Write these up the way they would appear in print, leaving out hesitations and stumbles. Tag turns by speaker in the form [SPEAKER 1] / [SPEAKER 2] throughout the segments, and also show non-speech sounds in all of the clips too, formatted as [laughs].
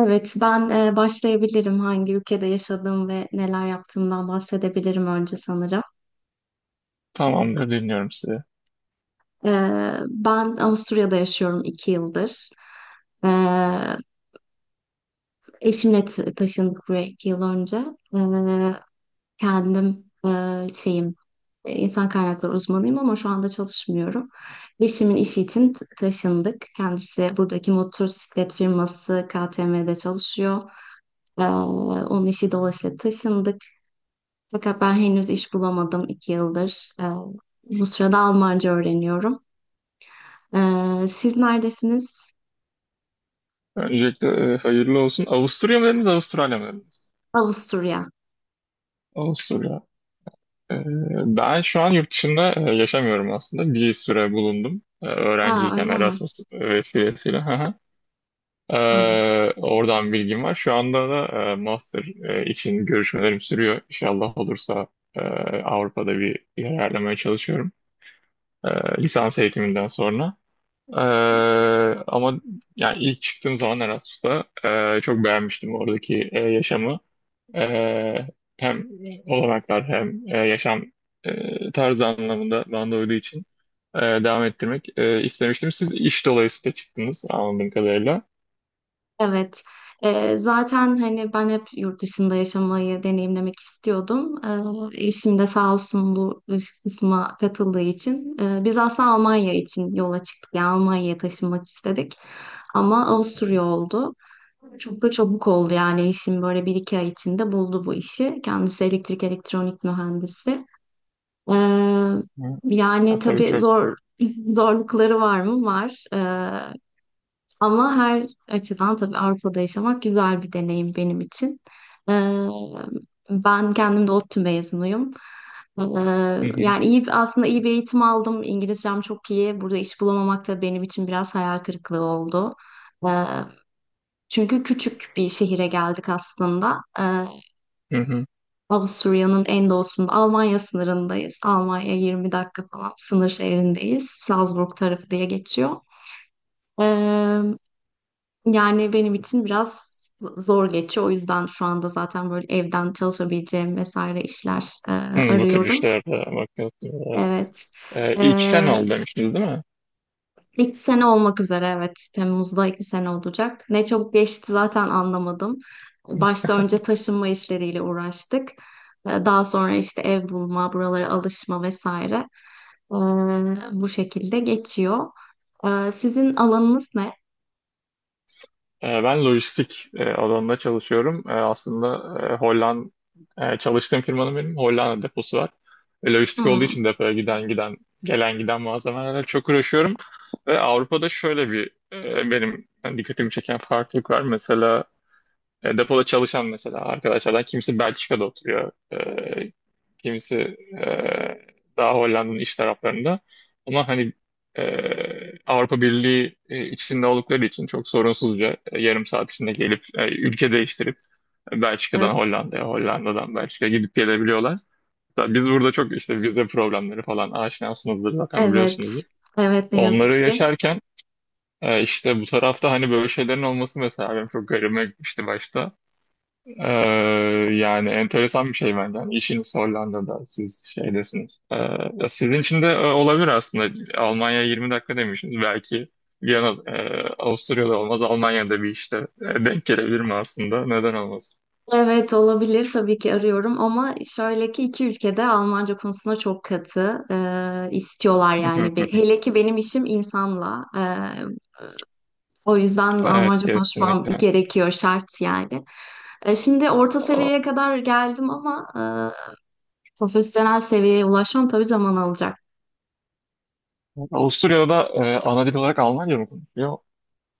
[SPEAKER 1] Evet, ben başlayabilirim hangi ülkede yaşadığım ve neler yaptığımdan bahsedebilirim önce sanırım.
[SPEAKER 2] Tamamdır, dinliyorum sizi.
[SPEAKER 1] E, Ben Avusturya'da yaşıyorum 2 yıldır. E, Eşimle taşındık buraya 2 yıl önce. E, Kendim insan kaynakları uzmanıyım ama şu anda çalışmıyorum. Eşimin işi için taşındık. Kendisi buradaki motosiklet firması KTM'de çalışıyor. Onun işi dolayısıyla taşındık. Fakat ben henüz iş bulamadım 2 yıldır. Bu sırada Almanca öğreniyorum. Siz neredesiniz?
[SPEAKER 2] Öncelikle hayırlı olsun. Avusturya mı dediniz, Avustralya mı dediniz?
[SPEAKER 1] Avusturya.
[SPEAKER 2] Avusturya. E, Ben şu an yurt dışında yaşamıyorum aslında. Bir süre bulundum.
[SPEAKER 1] Aa,
[SPEAKER 2] Öğrenciyken
[SPEAKER 1] öyle mi?
[SPEAKER 2] Erasmus vesilesiyle. [laughs] Hı hı.
[SPEAKER 1] Anladım.
[SPEAKER 2] Oradan bilgim var. Şu anda da master için görüşmelerim sürüyor. İnşallah olursa e, Avrupa'da bir yer ayarlamaya çalışıyorum. E, Lisans eğitiminden sonra. Ee, Ama yani ilk çıktığım zaman Erasmus'ta çok beğenmiştim oradaki yaşamı. Ee, Hem olanaklar hem yaşam tarzı anlamında bana da uyduğu için devam ettirmek istemiştim. Siz iş dolayısıyla çıktınız anladığım kadarıyla.
[SPEAKER 1] Evet. Zaten hani ben hep yurt dışında yaşamayı deneyimlemek istiyordum. Eşim de sağ olsun bu iş kısma katıldığı için. Biz aslında Almanya için yola çıktık. Yani Almanya'ya taşınmak istedik. Ama Avusturya oldu. Çok da çabuk oldu yani eşim böyle bir iki ay içinde buldu bu işi. Kendisi elektrik elektronik mühendisi. Ee,
[SPEAKER 2] Hı.
[SPEAKER 1] Yani
[SPEAKER 2] Ya, tabii
[SPEAKER 1] tabii
[SPEAKER 2] çok,
[SPEAKER 1] zor [laughs] zorlukları var mı? Var. Ama her açıdan tabii Avrupa'da yaşamak güzel bir deneyim benim için. Ee, Ben kendim de ODTÜ mezunuyum. Ee,
[SPEAKER 2] hı hı,
[SPEAKER 1] Yani aslında iyi bir eğitim aldım. İngilizcem çok iyi. Burada iş bulamamak da benim için biraz hayal kırıklığı oldu. Ee, Çünkü küçük bir şehire geldik aslında.
[SPEAKER 2] hı hı.
[SPEAKER 1] Avusturya'nın en doğusunda, Almanya sınırındayız. Almanya 20 dakika falan sınır şehrindeyiz. Salzburg tarafı diye geçiyor. Ee, Yani benim için biraz zor geçiyor. O yüzden şu anda zaten böyle evden çalışabileceğim vesaire işler
[SPEAKER 2] Hı, bu tür
[SPEAKER 1] arıyorum.
[SPEAKER 2] işlerde bakıyorsunuz.
[SPEAKER 1] Evet. E,
[SPEAKER 2] İlk sen ol demiştiniz değil mi?
[SPEAKER 1] 2 sene olmak üzere, evet. Temmuz'da 2 sene olacak. Ne çabuk geçti zaten anlamadım. Başta önce taşınma işleriyle uğraştık. Daha sonra işte ev bulma, buralara alışma vesaire. E, Bu şekilde geçiyor. Sizin alanınız ne?
[SPEAKER 2] Ben lojistik alanında çalışıyorum. Aslında e, Holland çalıştığım firmanın benim Hollanda deposu var. Lojistik olduğu
[SPEAKER 1] Hmm,
[SPEAKER 2] için depoya giden gelen giden malzemelerle çok uğraşıyorum. Ve Avrupa'da şöyle bir benim yani dikkatimi çeken farklılık var. Mesela depoda çalışan mesela arkadaşlardan kimisi Belçika'da oturuyor. Kimisi e, daha Hollanda'nın iç taraflarında. Ama hani e, Avrupa Birliği içinde oldukları için çok sorunsuzca yarım saat içinde gelip ülke değiştirip Belçika'dan
[SPEAKER 1] evet.
[SPEAKER 2] Hollanda'ya, Hollanda'dan Belçika'ya gidip gelebiliyorlar. Hatta biz burada çok işte vize problemleri falan aşinasınızdır zaten
[SPEAKER 1] Evet.
[SPEAKER 2] biliyorsunuzdur.
[SPEAKER 1] Evet, ne
[SPEAKER 2] Onları
[SPEAKER 1] yazık ki.
[SPEAKER 2] yaşarken işte bu tarafta hani böyle şeylerin olması mesela benim çok garibime gitmişti başta. Ee, Yani enteresan bir şey bence. Yani işiniz Hollanda'da, siz şeydesiniz. Ya sizin için de olabilir aslında. Almanya 20 dakika demişsiniz. Belki Viyana, Avusturya'da olmaz, Almanya'da bir işte denk gelebilir mi aslında? Neden olmaz?
[SPEAKER 1] Evet, olabilir tabii ki arıyorum ama şöyle ki iki ülkede Almanca konusunda çok katı istiyorlar yani.
[SPEAKER 2] [laughs]
[SPEAKER 1] Hele ki benim işim insanla, o yüzden
[SPEAKER 2] Evet,
[SPEAKER 1] Almanca konuşmam
[SPEAKER 2] kesinlikle.
[SPEAKER 1] gerekiyor, şart yani. Şimdi orta
[SPEAKER 2] A-
[SPEAKER 1] seviyeye kadar geldim ama profesyonel seviyeye ulaşmam tabii zaman alacak.
[SPEAKER 2] Avusturya'da da ana dil olarak Almanca mı konuşuyor?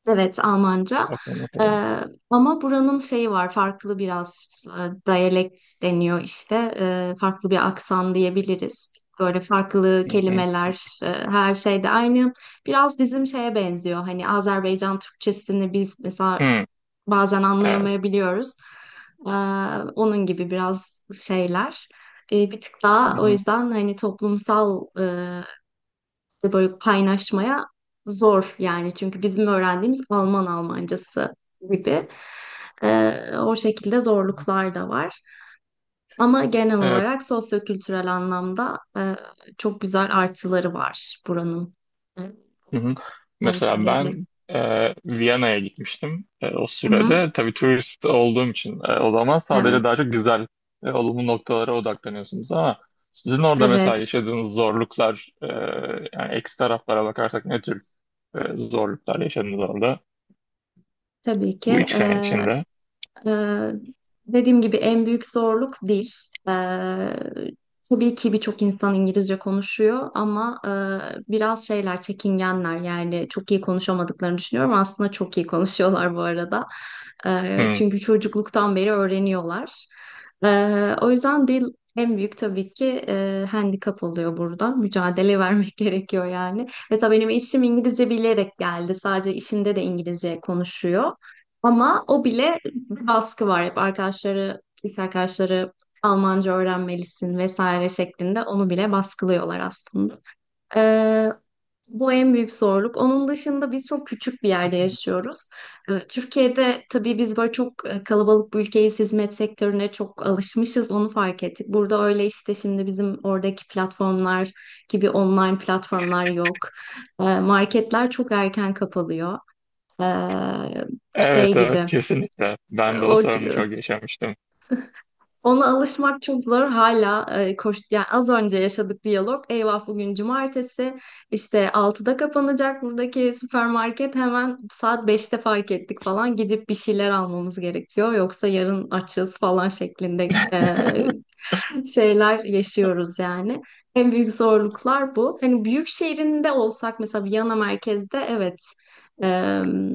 [SPEAKER 1] Evet, Almanca.
[SPEAKER 2] Bakalım bakalım.
[SPEAKER 1] Ee, Ama buranın şeyi var, farklı biraz diyalekt deniyor işte. Farklı bir aksan diyebiliriz. Böyle farklı
[SPEAKER 2] Hı hı.
[SPEAKER 1] kelimeler, her şey de aynı. Biraz bizim şeye benziyor. Hani Azerbaycan Türkçesini biz mesela
[SPEAKER 2] Hı,
[SPEAKER 1] bazen
[SPEAKER 2] evet.
[SPEAKER 1] anlayamayabiliyoruz. Ee, Onun gibi biraz şeyler. Bir tık daha o
[SPEAKER 2] Hı
[SPEAKER 1] yüzden hani toplumsal de böyle kaynaşmaya zor yani, çünkü bizim öğrendiğimiz Alman Almancası gibi. O şekilde zorluklar da var. Ama genel
[SPEAKER 2] hı.
[SPEAKER 1] olarak sosyokültürel anlamda çok güzel artıları var buranın. Evet,
[SPEAKER 2] Hı hı.
[SPEAKER 1] onu
[SPEAKER 2] Mesela
[SPEAKER 1] söyleyebilirim.
[SPEAKER 2] ben Viyana'ya gitmiştim. O
[SPEAKER 1] Hı hı.
[SPEAKER 2] sürede tabii turist olduğum için o zaman sadece daha
[SPEAKER 1] Evet,
[SPEAKER 2] çok güzel olumlu noktalara odaklanıyorsunuz ama sizin orada mesela
[SPEAKER 1] evet.
[SPEAKER 2] yaşadığınız zorluklar yani eksi taraflara bakarsak ne tür zorluklar yaşadınız orada
[SPEAKER 1] Tabii ki.
[SPEAKER 2] bu 2 sene içinde?
[SPEAKER 1] Ee, Dediğim gibi en büyük zorluk dil. Ee, tabii ki birçok insan İngilizce konuşuyor ama biraz şeyler çekingenler yani çok iyi konuşamadıklarını düşünüyorum. Aslında çok iyi konuşuyorlar bu arada.
[SPEAKER 2] Hı.
[SPEAKER 1] Çünkü çocukluktan beri öğreniyorlar. O yüzden dil en büyük tabii ki handikap oluyor burada. Mücadele vermek [laughs] gerekiyor yani. Mesela benim eşim İngilizce bilerek geldi. Sadece işinde de İngilizce konuşuyor. Ama o bile, bir baskı var hep arkadaşları, lise arkadaşları Almanca öğrenmelisin vesaire şeklinde onu bile baskılıyorlar aslında. Ee, Bu en büyük zorluk. Onun dışında biz çok küçük bir yerde yaşıyoruz. Türkiye'de tabii biz böyle çok kalabalık bir ülkeyiz, hizmet sektörüne çok alışmışız, onu fark ettik. Burada öyle işte şimdi bizim oradaki platformlar gibi online platformlar yok. Marketler çok erken kapalıyor. Ee, Şey
[SPEAKER 2] Evet, evet
[SPEAKER 1] gibi.
[SPEAKER 2] kesinlikle. Ben de o sorunu çok yaşamıştım.
[SPEAKER 1] Ona alışmak çok zor hala, koş yani az önce yaşadık diyalog. Eyvah, bugün cumartesi işte 6'da kapanacak buradaki süpermarket, hemen saat 5'te fark ettik falan, gidip bir şeyler almamız gerekiyor. Yoksa yarın açız falan şeklinde şeyler yaşıyoruz yani. En büyük zorluklar bu. Hani büyük şehrinde olsak mesela Viyana merkezde, evet, em,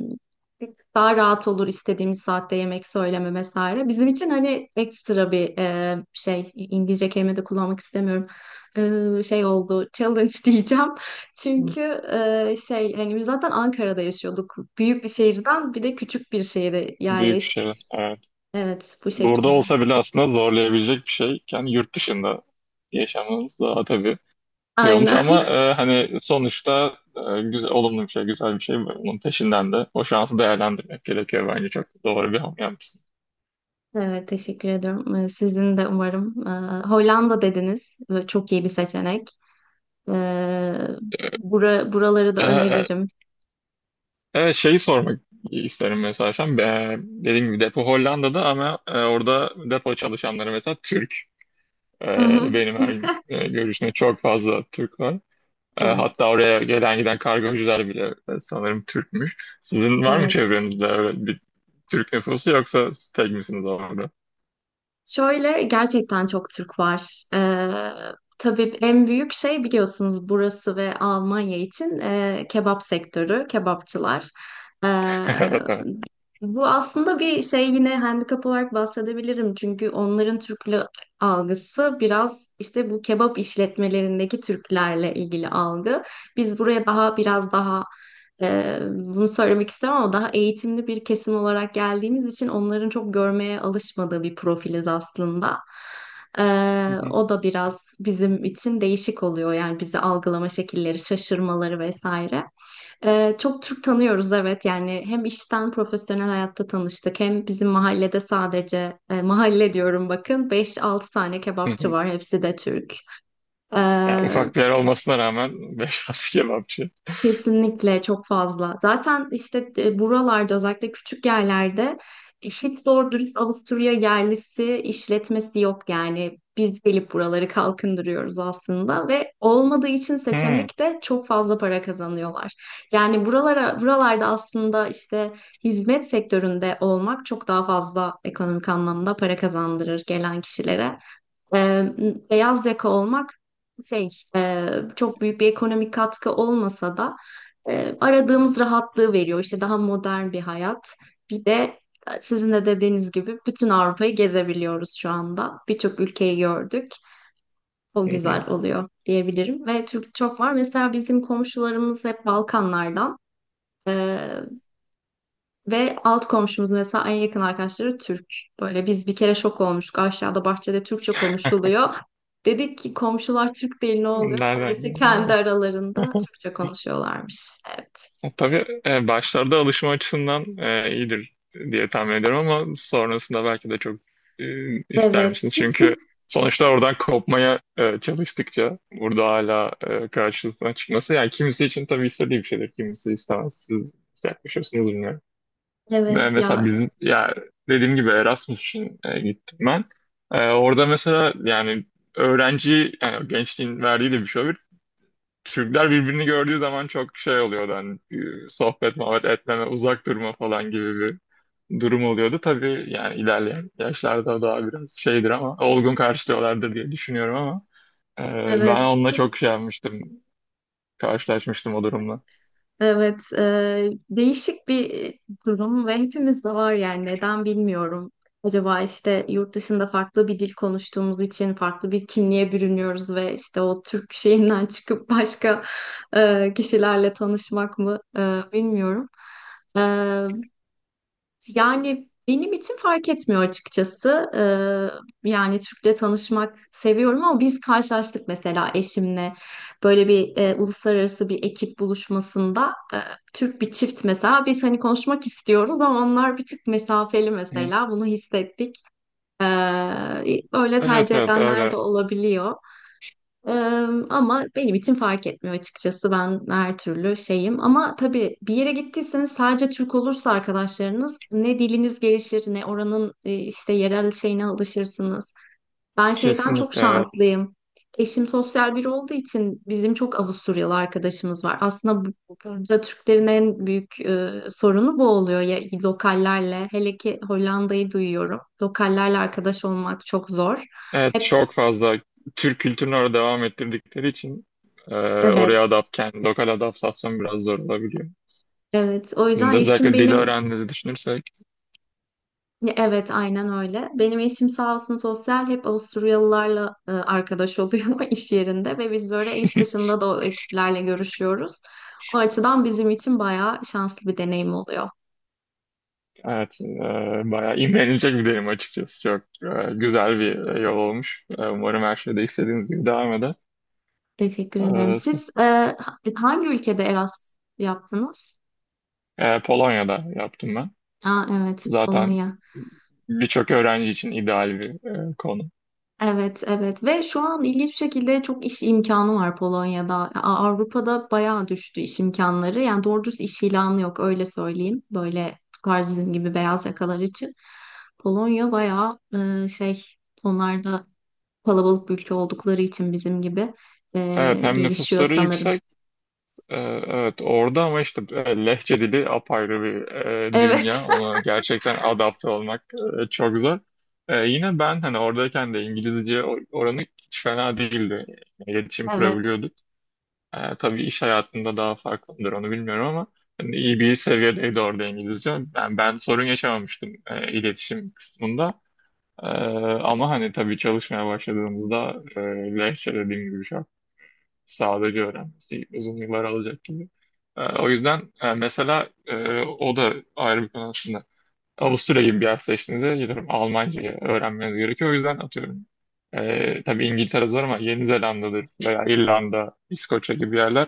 [SPEAKER 1] daha rahat olur istediğimiz saatte yemek söyleme vesaire. Bizim için hani ekstra bir şey, İngilizce kelime de kullanmak istemiyorum. Şey oldu challenge [laughs] diyeceğim. Çünkü şey hani biz zaten Ankara'da yaşıyorduk. Büyük bir şehirden bir de küçük bir şehire
[SPEAKER 2] Büyük
[SPEAKER 1] yerleştik.
[SPEAKER 2] şey. Evet.
[SPEAKER 1] Evet, bu
[SPEAKER 2] Burada
[SPEAKER 1] şekilde.
[SPEAKER 2] olsa bile aslında zorlayabilecek bir şey. Yani yurt dışında yaşamamız daha tabii şey olmuş
[SPEAKER 1] Aynen.
[SPEAKER 2] ama
[SPEAKER 1] [laughs]
[SPEAKER 2] hani sonuçta güzel, olumlu bir şey, güzel bir şey. Bunun peşinden de o şansı değerlendirmek gerekiyor bence. Çok doğru bir hamle yapmışsın.
[SPEAKER 1] Evet, teşekkür ediyorum. Sizin de umarım. Hollanda dediniz. Böyle çok iyi bir seçenek. Ee, Buraları
[SPEAKER 2] E,
[SPEAKER 1] da
[SPEAKER 2] e,
[SPEAKER 1] öneririm.
[SPEAKER 2] evet, şeyi sormak isterim mesela. Şu an. Dediğim gibi depo Hollanda'da ama orada depo çalışanları mesela Türk.
[SPEAKER 1] Hı hı.
[SPEAKER 2] Benim her görüşümde çok fazla Türk var. Hatta
[SPEAKER 1] Evet,
[SPEAKER 2] oraya gelen giden kargocular bile sanırım Türkmüş. Sizin var mı
[SPEAKER 1] evet.
[SPEAKER 2] çevrenizde öyle bir Türk nüfusu, yoksa siz tek misiniz orada? [laughs]
[SPEAKER 1] Şöyle gerçekten çok Türk var. Tabii en büyük şey biliyorsunuz, burası ve Almanya için kebap sektörü, kebapçılar. Ee,
[SPEAKER 2] Evet, evet.
[SPEAKER 1] Bu aslında bir şey, yine handikap olarak bahsedebilirim. Çünkü onların Türklü algısı biraz işte bu kebap işletmelerindeki Türklerle ilgili algı. Biz buraya daha biraz daha bunu söylemek istemem ama daha eğitimli bir kesim olarak geldiğimiz için onların çok görmeye alışmadığı bir profiliz aslında.
[SPEAKER 2] Hı hı,
[SPEAKER 1] O da biraz bizim için değişik oluyor, yani bizi algılama şekilleri, şaşırmaları vesaire. Çok Türk tanıyoruz, evet, yani hem işten profesyonel hayatta tanıştık, hem bizim mahallede, sadece mahalle diyorum bakın, beş altı tane
[SPEAKER 2] hı
[SPEAKER 1] kebapçı
[SPEAKER 2] hı.
[SPEAKER 1] var, hepsi de Türk. Ee,
[SPEAKER 2] Yani ufak bir yer olmasına rağmen [laughs] beş altı kebapçı.
[SPEAKER 1] Kesinlikle çok fazla. Zaten işte buralarda özellikle küçük yerlerde hiç doğru dürüst Avusturya yerlisi işletmesi yok yani. Biz gelip buraları kalkındırıyoruz aslında ve olmadığı için
[SPEAKER 2] Hı,
[SPEAKER 1] seçenek de, çok fazla para kazanıyorlar. Yani buralarda aslında işte hizmet sektöründe olmak çok daha fazla ekonomik anlamda para kazandırır gelen kişilere. Ee, Beyaz yaka olmak şey e, çok büyük bir ekonomik katkı olmasa da aradığımız rahatlığı veriyor. İşte daha modern bir hayat. Bir de sizin de dediğiniz gibi bütün Avrupa'yı gezebiliyoruz şu anda. Birçok ülkeyi gördük. O
[SPEAKER 2] hı hı.
[SPEAKER 1] güzel oluyor diyebilirim. Ve Türk çok var. Mesela bizim komşularımız hep Balkanlardan. E, Ve alt komşumuz mesela en yakın arkadaşları Türk. Böyle biz bir kere şok olmuştuk. Aşağıda bahçede Türkçe konuşuluyor. Dedik ki komşular Türk değil, ne oluyor?
[SPEAKER 2] Nereden
[SPEAKER 1] Meğerse kendi
[SPEAKER 2] geliyor?
[SPEAKER 1] aralarında
[SPEAKER 2] [laughs]
[SPEAKER 1] Türkçe konuşuyorlarmış. Evet.
[SPEAKER 2] O tabii başlarda alışma açısından iyidir diye tahmin ediyorum ama sonrasında belki de çok ister
[SPEAKER 1] Evet.
[SPEAKER 2] misiniz? Çünkü
[SPEAKER 1] [laughs]
[SPEAKER 2] sonuçta oradan kopmaya çalıştıkça burada hala karşısına çıkması yani kimisi için tabii istediği bir şeydir. Kimisi istemez. Siz nasıl yaklaşıyorsunuz bilmiyorum.
[SPEAKER 1] Evet ya,
[SPEAKER 2] Mesela bizim ya dediğim gibi Erasmus için gittim ben. Orada mesela yani öğrenci yani gençliğin verdiği de bir şey olur. Türkler birbirini gördüğü zaman çok şey oluyordu hani sohbet muhabbet etmeme, uzak durma falan gibi bir durum oluyordu. Tabii yani ilerleyen yaşlarda daha biraz şeydir ama olgun karşılıyorlardır diye düşünüyorum ama ben
[SPEAKER 1] evet,
[SPEAKER 2] onunla
[SPEAKER 1] çok,
[SPEAKER 2] çok şey yapmıştım, karşılaşmıştım o durumla.
[SPEAKER 1] evet, değişik bir durum ve hepimizde var yani, neden bilmiyorum. Acaba işte yurt dışında farklı bir dil konuştuğumuz için farklı bir kimliğe bürünüyoruz ve işte o Türk şeyinden [laughs] çıkıp başka kişilerle tanışmak mı bilmiyorum. E, Yani benim için fark etmiyor açıkçası. Yani Türk'le tanışmak seviyorum ama biz karşılaştık mesela eşimle, böyle bir uluslararası bir ekip buluşmasında, Türk bir çift mesela, biz hani konuşmak istiyoruz ama onlar bir tık mesafeli,
[SPEAKER 2] Hı.
[SPEAKER 1] mesela bunu hissettik. Ee, Öyle
[SPEAKER 2] Evet,
[SPEAKER 1] tercih
[SPEAKER 2] evet
[SPEAKER 1] edenler de
[SPEAKER 2] öyle,
[SPEAKER 1] olabiliyor. Ee, Ama benim için fark etmiyor açıkçası. Ben her türlü şeyim. Ama tabii bir yere gittiyseniz sadece Türk olursa arkadaşlarınız, ne diliniz gelişir ne oranın işte yerel şeyine alışırsınız. Ben şeyden çok
[SPEAKER 2] kesinlikle, evet.
[SPEAKER 1] şanslıyım. Eşim sosyal biri olduğu için bizim çok Avusturyalı arkadaşımız var. Aslında burada Türklerin en büyük sorunu bu oluyor. Ya, lokallerle, hele ki Hollanda'yı duyuyorum, lokallerle arkadaş olmak çok zor.
[SPEAKER 2] Evet,
[SPEAKER 1] Hep
[SPEAKER 2] çok fazla Türk kültürünü orada devam ettirdikleri için
[SPEAKER 1] evet.
[SPEAKER 2] kendi lokal adaptasyon biraz zor olabiliyor.
[SPEAKER 1] Evet, o
[SPEAKER 2] Sizin
[SPEAKER 1] yüzden
[SPEAKER 2] de
[SPEAKER 1] eşim
[SPEAKER 2] özellikle dili
[SPEAKER 1] benim,
[SPEAKER 2] öğrendiğinizi düşünürsek.
[SPEAKER 1] evet, aynen öyle. Benim eşim sağ olsun sosyal, hep Avusturyalılarla arkadaş oluyor [laughs] iş yerinde ve biz böyle iş dışında da o ekiplerle görüşüyoruz. O açıdan bizim için bayağı şanslı bir deneyim oluyor.
[SPEAKER 2] Evet, bayağı imrenilecek bir derim açıkçası. Çok güzel bir yol olmuş. Umarım her şey de istediğiniz gibi devam eder.
[SPEAKER 1] Teşekkür ederim. Siz hangi ülkede Erasmus yaptınız?
[SPEAKER 2] Polonya'da yaptım ben.
[SPEAKER 1] Aa, evet,
[SPEAKER 2] Zaten
[SPEAKER 1] Polonya.
[SPEAKER 2] birçok öğrenci için ideal bir konu.
[SPEAKER 1] Evet, evet ve şu an ilginç bir şekilde çok iş imkanı var Polonya'da. Avrupa'da bayağı düştü iş imkanları. Yani doğru dürüst iş ilanı yok, öyle söyleyeyim. Böyle tukar, bizim gibi beyaz yakalar için. Polonya bayağı e, şey onlar da kalabalık bir ülke oldukları için bizim gibi
[SPEAKER 2] Evet, hem
[SPEAKER 1] gelişiyor
[SPEAKER 2] nüfusları
[SPEAKER 1] sanırım.
[SPEAKER 2] yüksek, e, evet orada, ama işte lehçe dili apayrı bir dünya.
[SPEAKER 1] Evet. [laughs]
[SPEAKER 2] Ona gerçekten adapte olmak çok zor. Yine ben hani oradayken de İngilizce oranı hiç fena değildi. Yani İletişim
[SPEAKER 1] Evet,
[SPEAKER 2] kurabiliyorduk. Tabii iş hayatında daha farklıdır, onu bilmiyorum, ama hani iyi bir seviyedeydi orada İngilizce. Ben sorun yaşamamıştım iletişim kısmında. Ama hani tabii çalışmaya başladığımızda lehçe, dediğim gibi, şu an sadece öğrenmesi uzun yıllar alacak gibi. O yüzden mesela o da ayrı bir konu aslında. Avusturya gibi bir yer seçtiğinizde gidiyorum Almanca'yı öğrenmeniz gerekiyor. O yüzden atıyorum. Tabii İngiltere zor ama Yeni Zelanda'dır veya İrlanda, İskoçya gibi yerler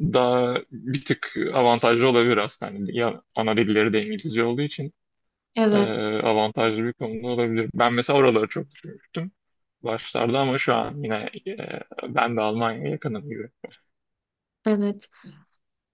[SPEAKER 2] daha bir tık avantajlı olabilir aslında. Hani ya ana dilleri de İngilizce olduğu için e,
[SPEAKER 1] evet,
[SPEAKER 2] avantajlı bir konuda olabilir. Ben mesela oraları çok düşünmüştüm başlarda ama şu an yine ben de Almanya'ya yakınım gibi.
[SPEAKER 1] evet.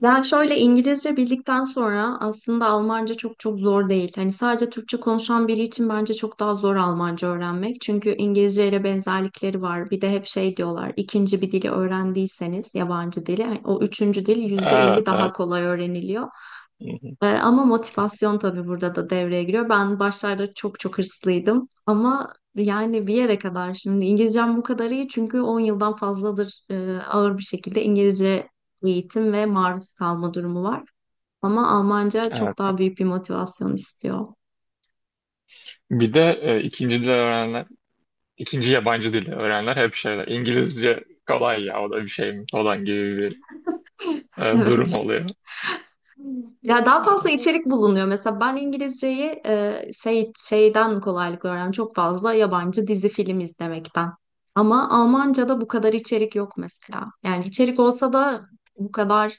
[SPEAKER 1] Ben şöyle, İngilizce bildikten sonra aslında Almanca çok çok zor değil. Hani sadece Türkçe konuşan biri için bence çok daha zor Almanca öğrenmek. Çünkü İngilizce ile benzerlikleri var. Bir de hep şey diyorlar: ikinci bir dili öğrendiyseniz yabancı dili, hani o üçüncü dil %50
[SPEAKER 2] Evet,
[SPEAKER 1] daha
[SPEAKER 2] evet.
[SPEAKER 1] kolay öğreniliyor.
[SPEAKER 2] Hı hı,
[SPEAKER 1] Ama motivasyon tabii burada da devreye giriyor. Ben başlarda çok çok hırslıydım ama yani bir yere kadar, şimdi İngilizcem bu kadar iyi çünkü 10 yıldan fazladır ağır bir şekilde İngilizce eğitim ve maruz kalma durumu var. Ama Almanca
[SPEAKER 2] evet.
[SPEAKER 1] çok daha büyük bir motivasyon istiyor.
[SPEAKER 2] Bir de ikinci yabancı dil öğrenenler hep şeyler. İngilizce kolay ya, o da bir şey mi falan gibi bir
[SPEAKER 1] [laughs]
[SPEAKER 2] durum
[SPEAKER 1] Evet.
[SPEAKER 2] oluyor.
[SPEAKER 1] Ya, daha fazla içerik bulunuyor. Mesela ben İngilizceyi şeyden kolaylıkla öğrendim. Çok fazla yabancı dizi film izlemekten. Ama Almanca'da bu kadar içerik yok mesela. Yani içerik olsa da bu kadar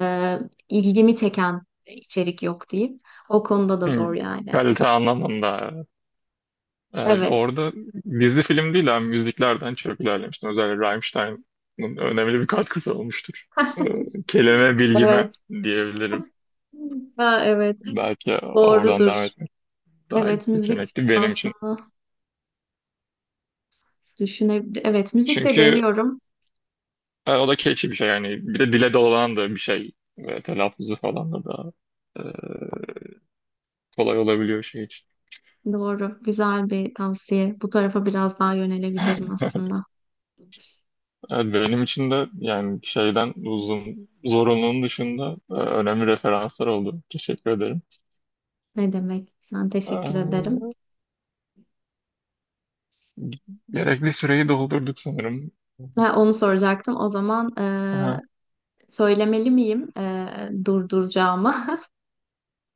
[SPEAKER 1] e, ilgimi çeken içerik yok diyeyim. O konuda da
[SPEAKER 2] Hı,
[SPEAKER 1] zor yani.
[SPEAKER 2] kalite anlamında.
[SPEAKER 1] Evet.
[SPEAKER 2] Orada dizi film değil ama müziklerden çok ilerlemiştim. Özellikle Rammstein'ın önemli bir katkısı olmuştur. Ee, Kelime bilgime
[SPEAKER 1] Evet.
[SPEAKER 2] diyebilirim.
[SPEAKER 1] Ha, evet.
[SPEAKER 2] Belki oradan devam
[SPEAKER 1] Doğrudur.
[SPEAKER 2] etmek daha iyi
[SPEAKER 1] Evet, müzik
[SPEAKER 2] seçenekti benim için.
[SPEAKER 1] aslında düşünebilirim. Evet, müzik de
[SPEAKER 2] Çünkü
[SPEAKER 1] deniyorum.
[SPEAKER 2] o da keyifli bir şey yani. Bir de dile dolanan da bir şey. Ve telaffuzu falan da daha e, kolay olabiliyor şey için.
[SPEAKER 1] Doğru. Güzel bir tavsiye. Bu tarafa biraz daha yönelebilirim aslında.
[SPEAKER 2] Evet, benim için de yani şeyden uzun zorunluluğun dışında önemli referanslar oldu. Teşekkür ederim.
[SPEAKER 1] Ne demek? Ben teşekkür ederim.
[SPEAKER 2] Ee, Gerekli süreyi doldurduk sanırım.
[SPEAKER 1] Ha, onu soracaktım. O zaman
[SPEAKER 2] Aha.
[SPEAKER 1] söylemeli miyim durduracağımı? [laughs]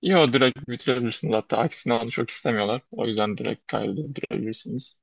[SPEAKER 2] Yo, direkt bitirebilirsiniz. Hatta aksine onu çok istemiyorlar. O yüzden direkt kaydedebilirsiniz.